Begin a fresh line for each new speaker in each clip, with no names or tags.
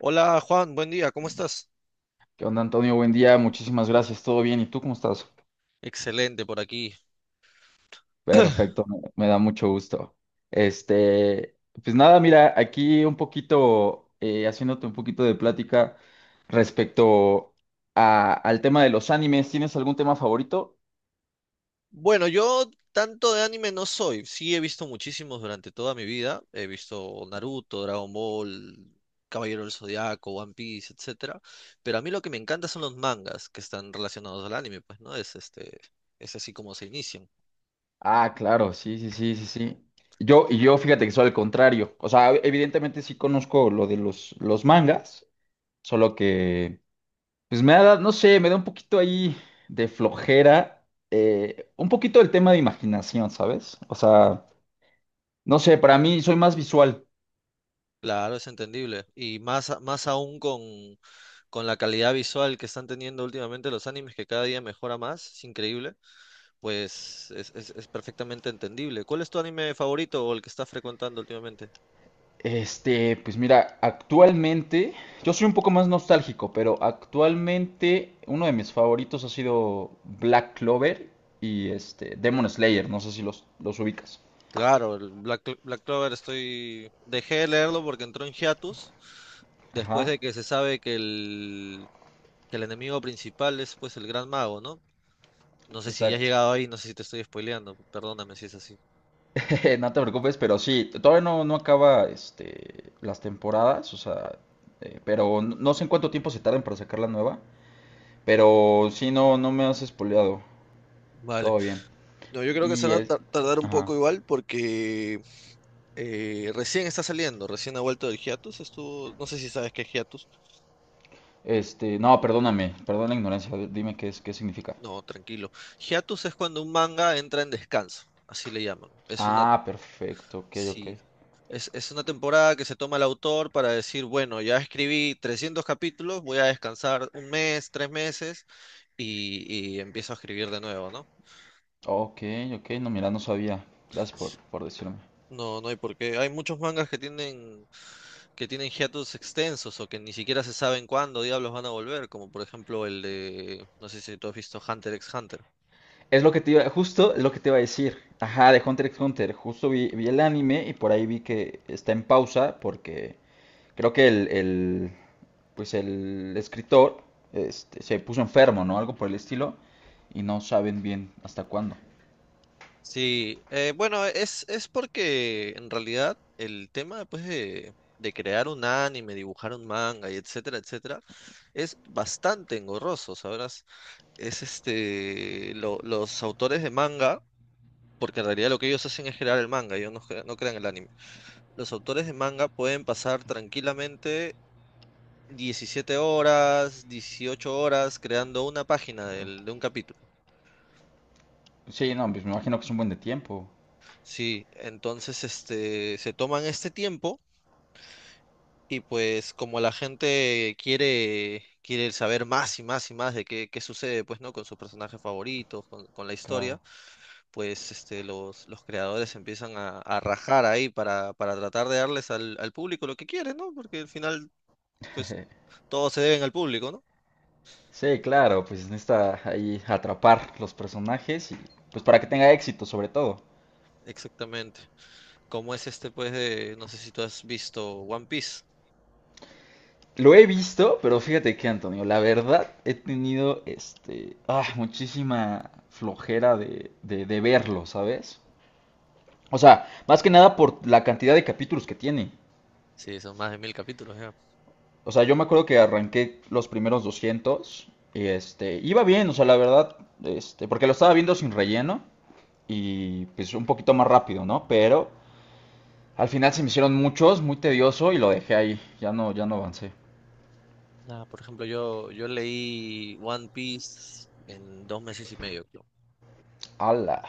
Hola Juan, buen día, ¿cómo estás?
¿Qué onda, Antonio? Buen día, muchísimas gracias. ¿Todo bien? ¿Y tú cómo estás?
Excelente por aquí.
Perfecto, me da mucho gusto. Este, pues nada, mira, aquí un poquito, haciéndote un poquito de plática respecto al tema de los animes. ¿Tienes algún tema favorito?
Bueno, yo tanto de anime no soy, sí he visto muchísimos durante toda mi vida, he visto Naruto, Dragon Ball, Caballero del Zodiaco, One Piece, etcétera, pero a mí lo que me encanta son los mangas que están relacionados al anime, pues no es es así como se inician.
Ah, claro, sí, sí, sí, sí, sí. Y yo fíjate que soy al contrario. O sea, evidentemente sí conozco lo de los mangas, solo que pues me ha dado, no sé, me da un poquito ahí de flojera, un poquito el tema de imaginación, ¿sabes? O sea, no sé, para mí soy más visual.
Claro, es entendible y más más aún con la calidad visual que están teniendo últimamente los animes que cada día mejora más, es increíble. Pues es perfectamente entendible. ¿Cuál es tu anime favorito o el que estás frecuentando últimamente?
Pues mira, actualmente, yo soy un poco más nostálgico, pero actualmente uno de mis favoritos ha sido Black Clover y Demon Slayer, no sé si los ubicas.
Claro, el Black Clover estoy... Dejé de leerlo porque entró en hiatus después
Ajá,
de que se sabe que el enemigo principal es pues el Gran Mago, ¿no? No sé si ya has
exacto.
llegado ahí, no sé si te estoy spoileando, perdóname si es así.
No te preocupes, pero sí, todavía no acaba las temporadas, o sea, pero no sé en cuánto tiempo se tarden para sacar la nueva, pero sí, no me has espoleado,
Vale.
todo bien.
No, yo creo que se
Y
van a
es,
tardar un
ajá,
poco igual porque recién está saliendo, recién ha vuelto del hiatus, estuvo, no sé si sabes qué es hiatus.
no, perdóname, perdón la ignorancia, dime qué es, qué significa.
No, tranquilo. Hiatus es cuando un manga entra en descanso, así le llaman.
Ah, perfecto, ok, ok.
Sí, es una temporada que se toma el autor para decir, bueno, ya escribí 300 capítulos, voy a descansar un mes, 3 meses y empiezo a escribir de nuevo, ¿no?
Ok, ok, no, mira, no sabía, gracias por decirme.
No, no hay por qué. Hay muchos mangas que tienen hiatus extensos o que ni siquiera se saben cuándo diablos van a volver, como por ejemplo el de, no sé si tú has visto Hunter x Hunter.
Es lo que te iba, justo es lo que te iba a decir. Ajá, de Hunter x Hunter. Justo vi el anime y por ahí vi que está en pausa porque creo que pues el escritor se puso enfermo, ¿no? Algo por el estilo y no saben bien hasta cuándo.
Sí, bueno, es porque en realidad el tema pues, de crear un anime, dibujar un manga y etcétera, etcétera, es bastante engorroso, ¿sabrás? Los autores de manga, porque en realidad lo que ellos hacen es crear el manga, ellos no crean el anime. Los autores de manga pueden pasar tranquilamente 17 horas, 18 horas creando una página
Claro.
de un capítulo.
Sí, no, pues me imagino que es un buen de tiempo.
Sí, entonces se toman este tiempo. Y pues como la gente quiere saber más y más y más de qué sucede, pues, ¿no? Con sus personajes favoritos, con la historia,
Claro.
pues los creadores empiezan a rajar ahí para tratar de darles al público lo que quieren, ¿no? Porque al final, pues, todos se deben al público, ¿no?
Sí, claro, pues necesita ahí atrapar los personajes y pues para que tenga éxito sobre todo.
Exactamente. Como es no sé si tú has visto One Piece.
Lo he visto, pero fíjate que, Antonio, la verdad he tenido muchísima flojera de verlo, ¿sabes? O sea, más que nada por la cantidad de capítulos que tiene.
Sí, son más de 1.000 capítulos ya.
O sea, yo me acuerdo que arranqué los primeros 200 y iba bien, o sea, la verdad, porque lo estaba viendo sin relleno y pues un poquito más rápido, ¿no? Pero al final se me hicieron muchos, muy tedioso y lo dejé ahí, ya ya no avancé.
Nada, por ejemplo, yo leí One Piece en 2 meses y medio, creo.
¡Hala!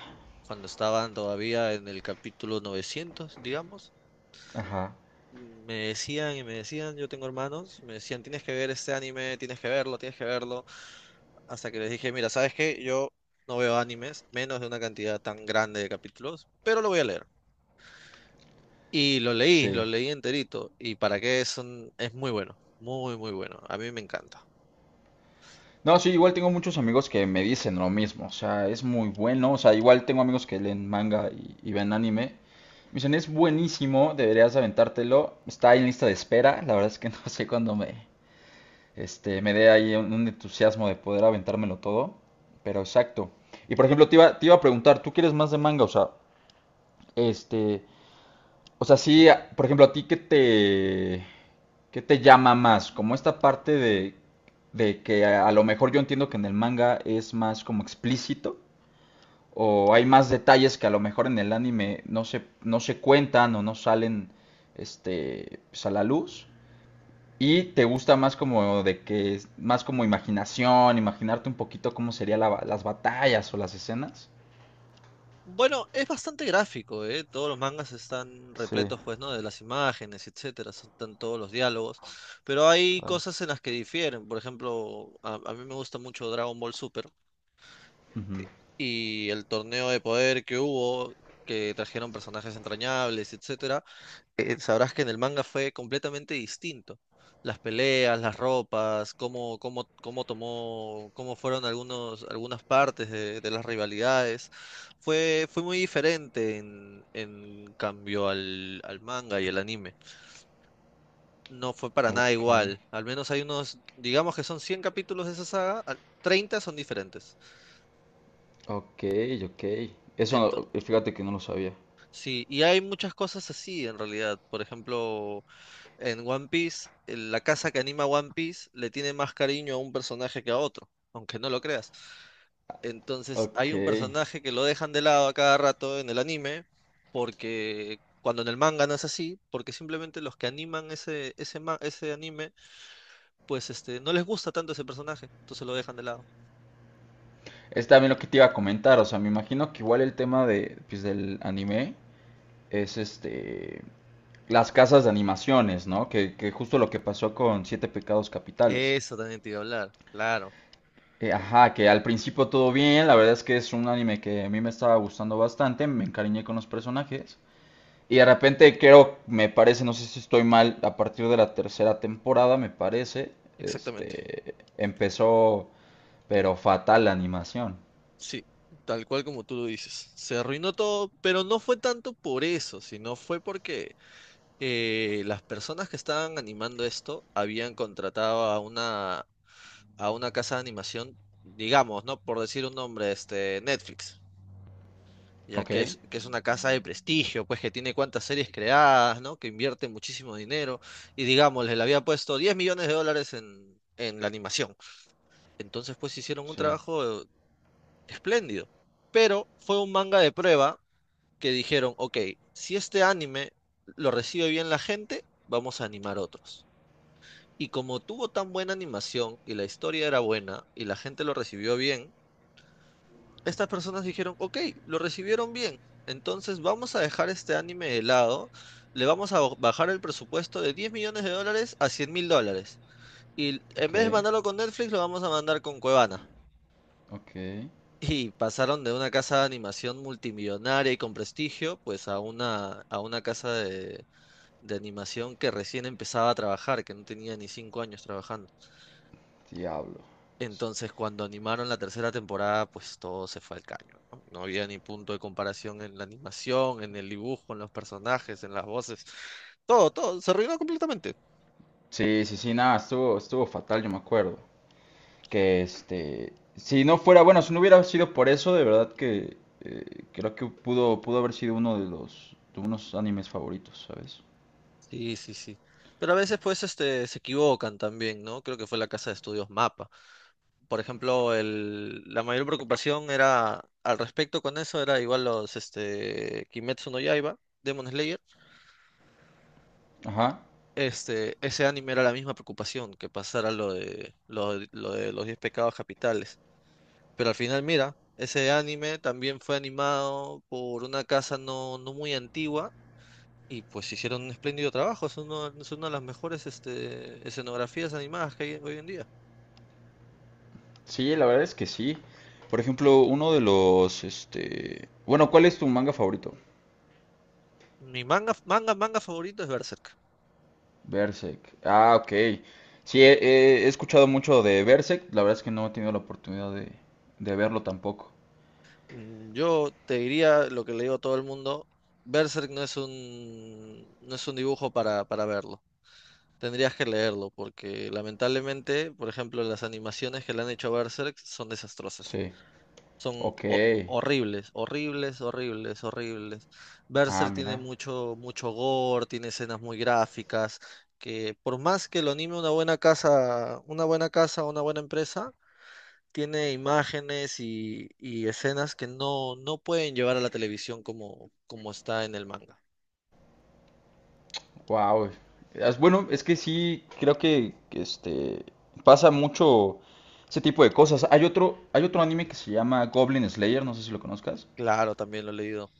Cuando estaban todavía en el capítulo 900, digamos,
Ajá,
me decían y me decían, yo tengo hermanos, me decían, tienes que ver este anime, tienes que verlo, hasta que les dije, mira, ¿sabes qué? Yo no veo animes, menos de una cantidad tan grande de capítulos, pero lo voy a leer. Y lo
sí.
leí enterito, y para qué es muy bueno, muy, muy bueno, a mí me encanta.
No, sí, igual tengo muchos amigos que me dicen lo mismo, o sea, es muy bueno, o sea, igual tengo amigos que leen manga y ven anime, me dicen, es buenísimo, deberías aventártelo, está ahí en lista de espera, la verdad es que no sé cuándo me, me dé ahí un entusiasmo de poder aventármelo todo, pero exacto. Y por ejemplo, te iba a preguntar, ¿tú quieres más de manga? O sea, este, sí, por ejemplo, a ti qué te llama más, como esta parte de que a lo mejor yo entiendo que en el manga es más como explícito, o hay más detalles que a lo mejor en el anime no se cuentan o no salen pues, a la luz, y te gusta más como de que es más como imaginación, imaginarte un poquito cómo serían las batallas o las escenas.
Bueno, es bastante gráfico, ¿eh? Todos los mangas están
Sí,
repletos, pues, ¿no? De las imágenes, etcétera, están todos los diálogos, pero hay
claro.
cosas en las que difieren. Por ejemplo, a mí me gusta mucho Dragon Ball Super
Ujú.
y el torneo de poder que hubo, que trajeron personajes entrañables, etcétera. Sabrás que en el manga fue completamente distinto. Las peleas, las ropas, cómo tomó, cómo fueron algunas partes de las rivalidades. Fue muy diferente en cambio al manga y el anime. No fue para nada
Ok.
igual. Al menos hay unos, digamos que son 100 capítulos de esa saga, 30 son diferentes.
Ok, ok. Eso,
Ento-
fíjate que no lo sabía.
sí, y hay muchas cosas así en realidad. Por ejemplo, en One Piece, la casa que anima One Piece le tiene más cariño a un personaje que a otro, aunque no lo creas. Entonces, hay
Ok.
un personaje que lo dejan de lado a cada rato en el anime, porque cuando en el manga no es así, porque simplemente los que animan ese anime, pues no les gusta tanto ese personaje, entonces lo dejan de lado.
Es también lo que te iba a comentar, o sea, me imagino que igual el tema de, pues, del anime es las casas de animaciones, ¿no? Que justo lo que pasó con Siete Pecados Capitales.
Eso también te iba a hablar, claro,
Ajá, que al principio todo bien, la verdad es que es un anime que a mí me estaba gustando bastante, me encariñé con los personajes. Y de repente creo, me parece, no sé si estoy mal, a partir de la tercera temporada, me parece,
exactamente.
empezó, pero fatal la animación.
Sí, tal cual como tú lo dices. Se arruinó todo, pero no fue tanto por eso, sino fue porque las personas que estaban animando esto habían contratado a una, casa de animación, digamos, ¿no? Por decir un nombre, Netflix, ya
Ok,
que es una casa de prestigio, pues que tiene cuantas series creadas, ¿no? Que invierte muchísimo dinero y, digamos, le había puesto 10 millones de dólares en la animación. Entonces, pues hicieron un
sí,
trabajo espléndido, pero fue un manga de prueba que dijeron, ok, si este anime lo recibe bien la gente, vamos a animar otros. Y como tuvo tan buena animación y la historia era buena y la gente lo recibió bien, estas personas dijeron, ok, lo recibieron bien, entonces vamos a dejar este anime de lado, le vamos a bajar el presupuesto de 10 millones de dólares a 100 mil dólares. Y en
ok,
vez de mandarlo con Netflix, lo vamos a mandar con Cuevana.
ok,
Y pasaron de una casa de animación multimillonaria y con prestigio, pues a una, casa de animación que recién empezaba a trabajar, que no tenía ni 5 años trabajando.
diablo.
Entonces, cuando animaron la tercera temporada, pues todo se fue al caño, ¿no? No había ni punto de comparación en la animación, en el dibujo, en los personajes, en las voces. Todo, todo, se arruinó completamente.
Sí, sí, sí, nada, estuvo, estuvo fatal, yo me acuerdo. Que este, si no fuera, bueno, si no hubiera sido por eso, de verdad que creo que pudo, pudo haber sido uno de los, de unos animes favoritos, ¿sabes?
Sí, sí, sí. Pero a veces, pues, se equivocan también, ¿no? Creo que fue la casa de estudios Mapa. Por ejemplo, la mayor preocupación era, al respecto con eso, era igual Kimetsu no Yaiba, Demon Slayer.
Ajá.
Ese anime era la misma preocupación que pasara lo de los 10 pecados capitales. Pero al final, mira, ese anime también fue animado por una casa no muy antigua y pues hicieron un espléndido trabajo. Es una de las mejores escenografías animadas que hay hoy en día.
Sí, la verdad es que sí. Por ejemplo, uno de los, este... Bueno, ¿cuál es tu manga favorito?
Mi manga favorito es Berserk.
Berserk. Ah, ok. Sí, he escuchado mucho de Berserk. La verdad es que no he tenido la oportunidad de verlo tampoco.
Yo te diría lo que le digo a todo el mundo, Berserk no es un dibujo para verlo. Tendrías que leerlo porque lamentablemente, por ejemplo, las animaciones que le han hecho a Berserk son desastrosas.
Sí.
Son
Ok.
horribles, horribles, horribles, horribles.
Ah,
Berserk tiene
mira.
mucho, mucho gore, tiene escenas muy gráficas, que por más que lo anime una buena casa, una buena casa, una buena empresa, tiene imágenes y escenas que no pueden llevar a la televisión como está en el manga.
Wow. Bueno, es que sí, creo que este pasa mucho ese tipo de cosas. Hay otro anime que se llama Goblin Slayer, no sé si lo conozcas.
Claro, también lo he leído,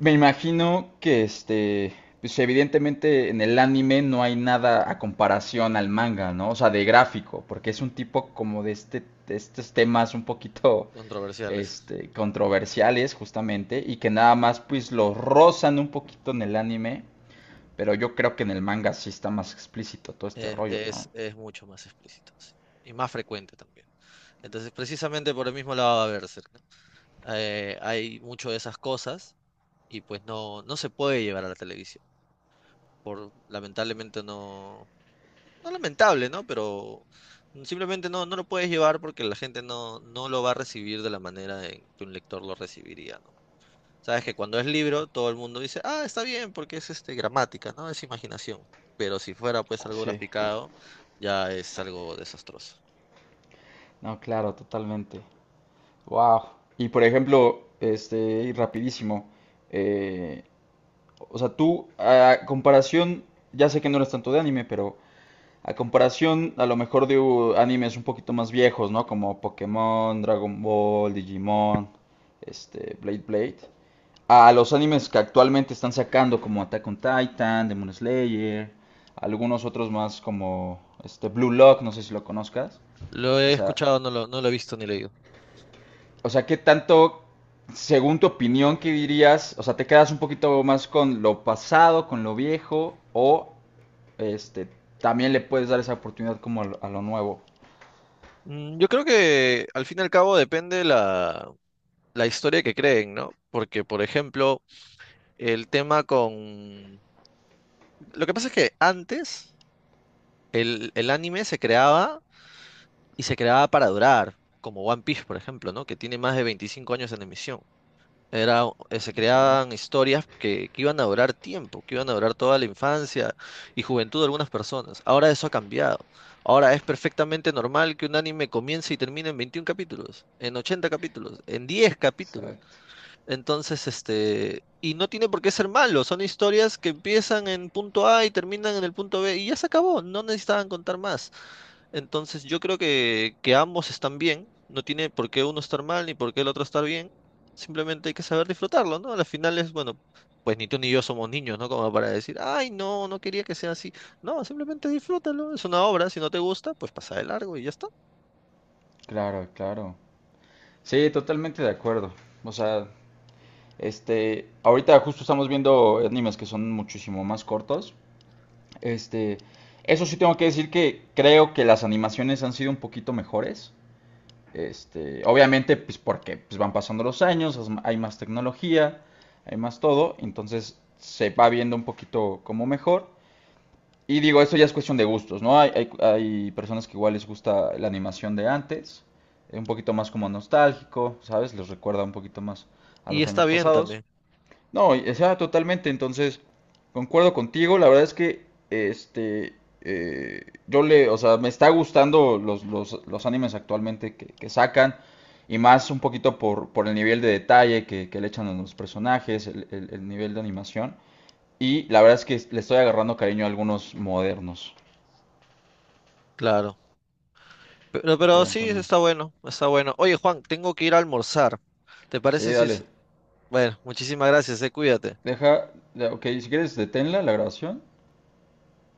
Me imagino que pues evidentemente en el anime no hay nada a comparación al manga, ¿no? O sea, de gráfico, porque es un tipo como de este, de estos temas un poquito
controversiales.
controversiales justamente y que nada más pues los rozan un poquito en el anime, pero yo creo que en el manga sí está más explícito todo este
Eh,
rollo, ¿no?
es, es mucho más explícito, sí, y más frecuente también. Entonces, precisamente por el mismo lado va Berserk, ¿no? Hay mucho de esas cosas y pues no se puede llevar a la televisión. Lamentablemente no, no lamentable, ¿no? Pero simplemente no lo puedes llevar porque la gente no lo va a recibir de la manera en que un lector lo recibiría, ¿no? Sabes que cuando es libro, todo el mundo dice, ah, está bien, porque es gramática, ¿no? Es imaginación. Pero si fuera pues algo
Sí,
graficado, ya es algo desastroso.
no, claro, totalmente. Wow. Y por ejemplo, y rapidísimo, eh, o sea, tú, a comparación, ya sé que no eres tanto de anime, pero a comparación a lo mejor de animes un poquito más viejos, ¿no? Como Pokémon, Dragon Ball, Digimon, Blade Blade. A los animes que actualmente están sacando, como Attack on Titan, Demon Slayer, algunos otros más como este Blue Lock, no sé si lo conozcas.
Lo he
Esa,
escuchado, no lo he visto ni leído.
o sea, ¿qué tanto, según tu opinión, qué dirías? O sea, ¿te quedas un poquito más con lo pasado, con lo viejo, o este, también le puedes dar esa oportunidad como a a lo nuevo?
Yo creo que al fin y al cabo depende la historia que creen, ¿no? Porque, por ejemplo, el tema con... Lo que pasa es que antes el anime se creaba y se creaba para durar, como One Piece, por ejemplo, ¿no? Que tiene más de 25 años en emisión. Se
Ok,
creaban historias que iban a durar tiempo, que iban a durar toda la infancia y juventud de algunas personas. Ahora eso ha cambiado. Ahora es perfectamente normal que un anime comience y termine en 21 capítulos, en 80 capítulos, en 10 capítulos.
exacto.
Entonces, y no tiene por qué ser malo, son historias que empiezan en punto A y terminan en el punto B y ya se acabó, no necesitaban contar más. Entonces, yo creo que ambos están bien, no tiene por qué uno estar mal ni por qué el otro estar bien, simplemente hay que saber disfrutarlo, ¿no? Al final es, bueno, pues ni tú ni yo somos niños, ¿no? Como para decir, ay, no, no quería que sea así. No, simplemente disfrútalo, es una obra, si no te gusta, pues pasa de largo y ya está.
Claro, claro. Sí, totalmente de acuerdo. O sea, ahorita justo estamos viendo animes que son muchísimo más cortos. Este, Eso sí tengo que decir que creo que las animaciones han sido un poquito mejores. Obviamente, pues porque van pasando los años, hay más tecnología, hay más todo, entonces se va viendo un poquito como mejor. Y digo, eso ya es cuestión de gustos, ¿no? Hay personas que igual les gusta la animación de antes, un poquito más como nostálgico, ¿sabes? Les recuerda un poquito más a
Y
los
está
años
bien
pasados.
también,
No, o sea, totalmente. Entonces, concuerdo contigo. La verdad es que yo le, o sea, me está gustando los animes actualmente que sacan. Y más un poquito por el nivel de detalle que le echan a los personajes, el nivel de animación. Y la verdad es que le estoy agarrando cariño a algunos modernos.
claro. Pero,
Ok,
pero sí,
Antonio.
está bueno, está bueno. Oye, Juan, tengo que ir a almorzar. ¿Te
Sí,
parece si
dale.
es... Bueno, muchísimas gracias, cuídate.
Deja, ok, si quieres, deténla la grabación.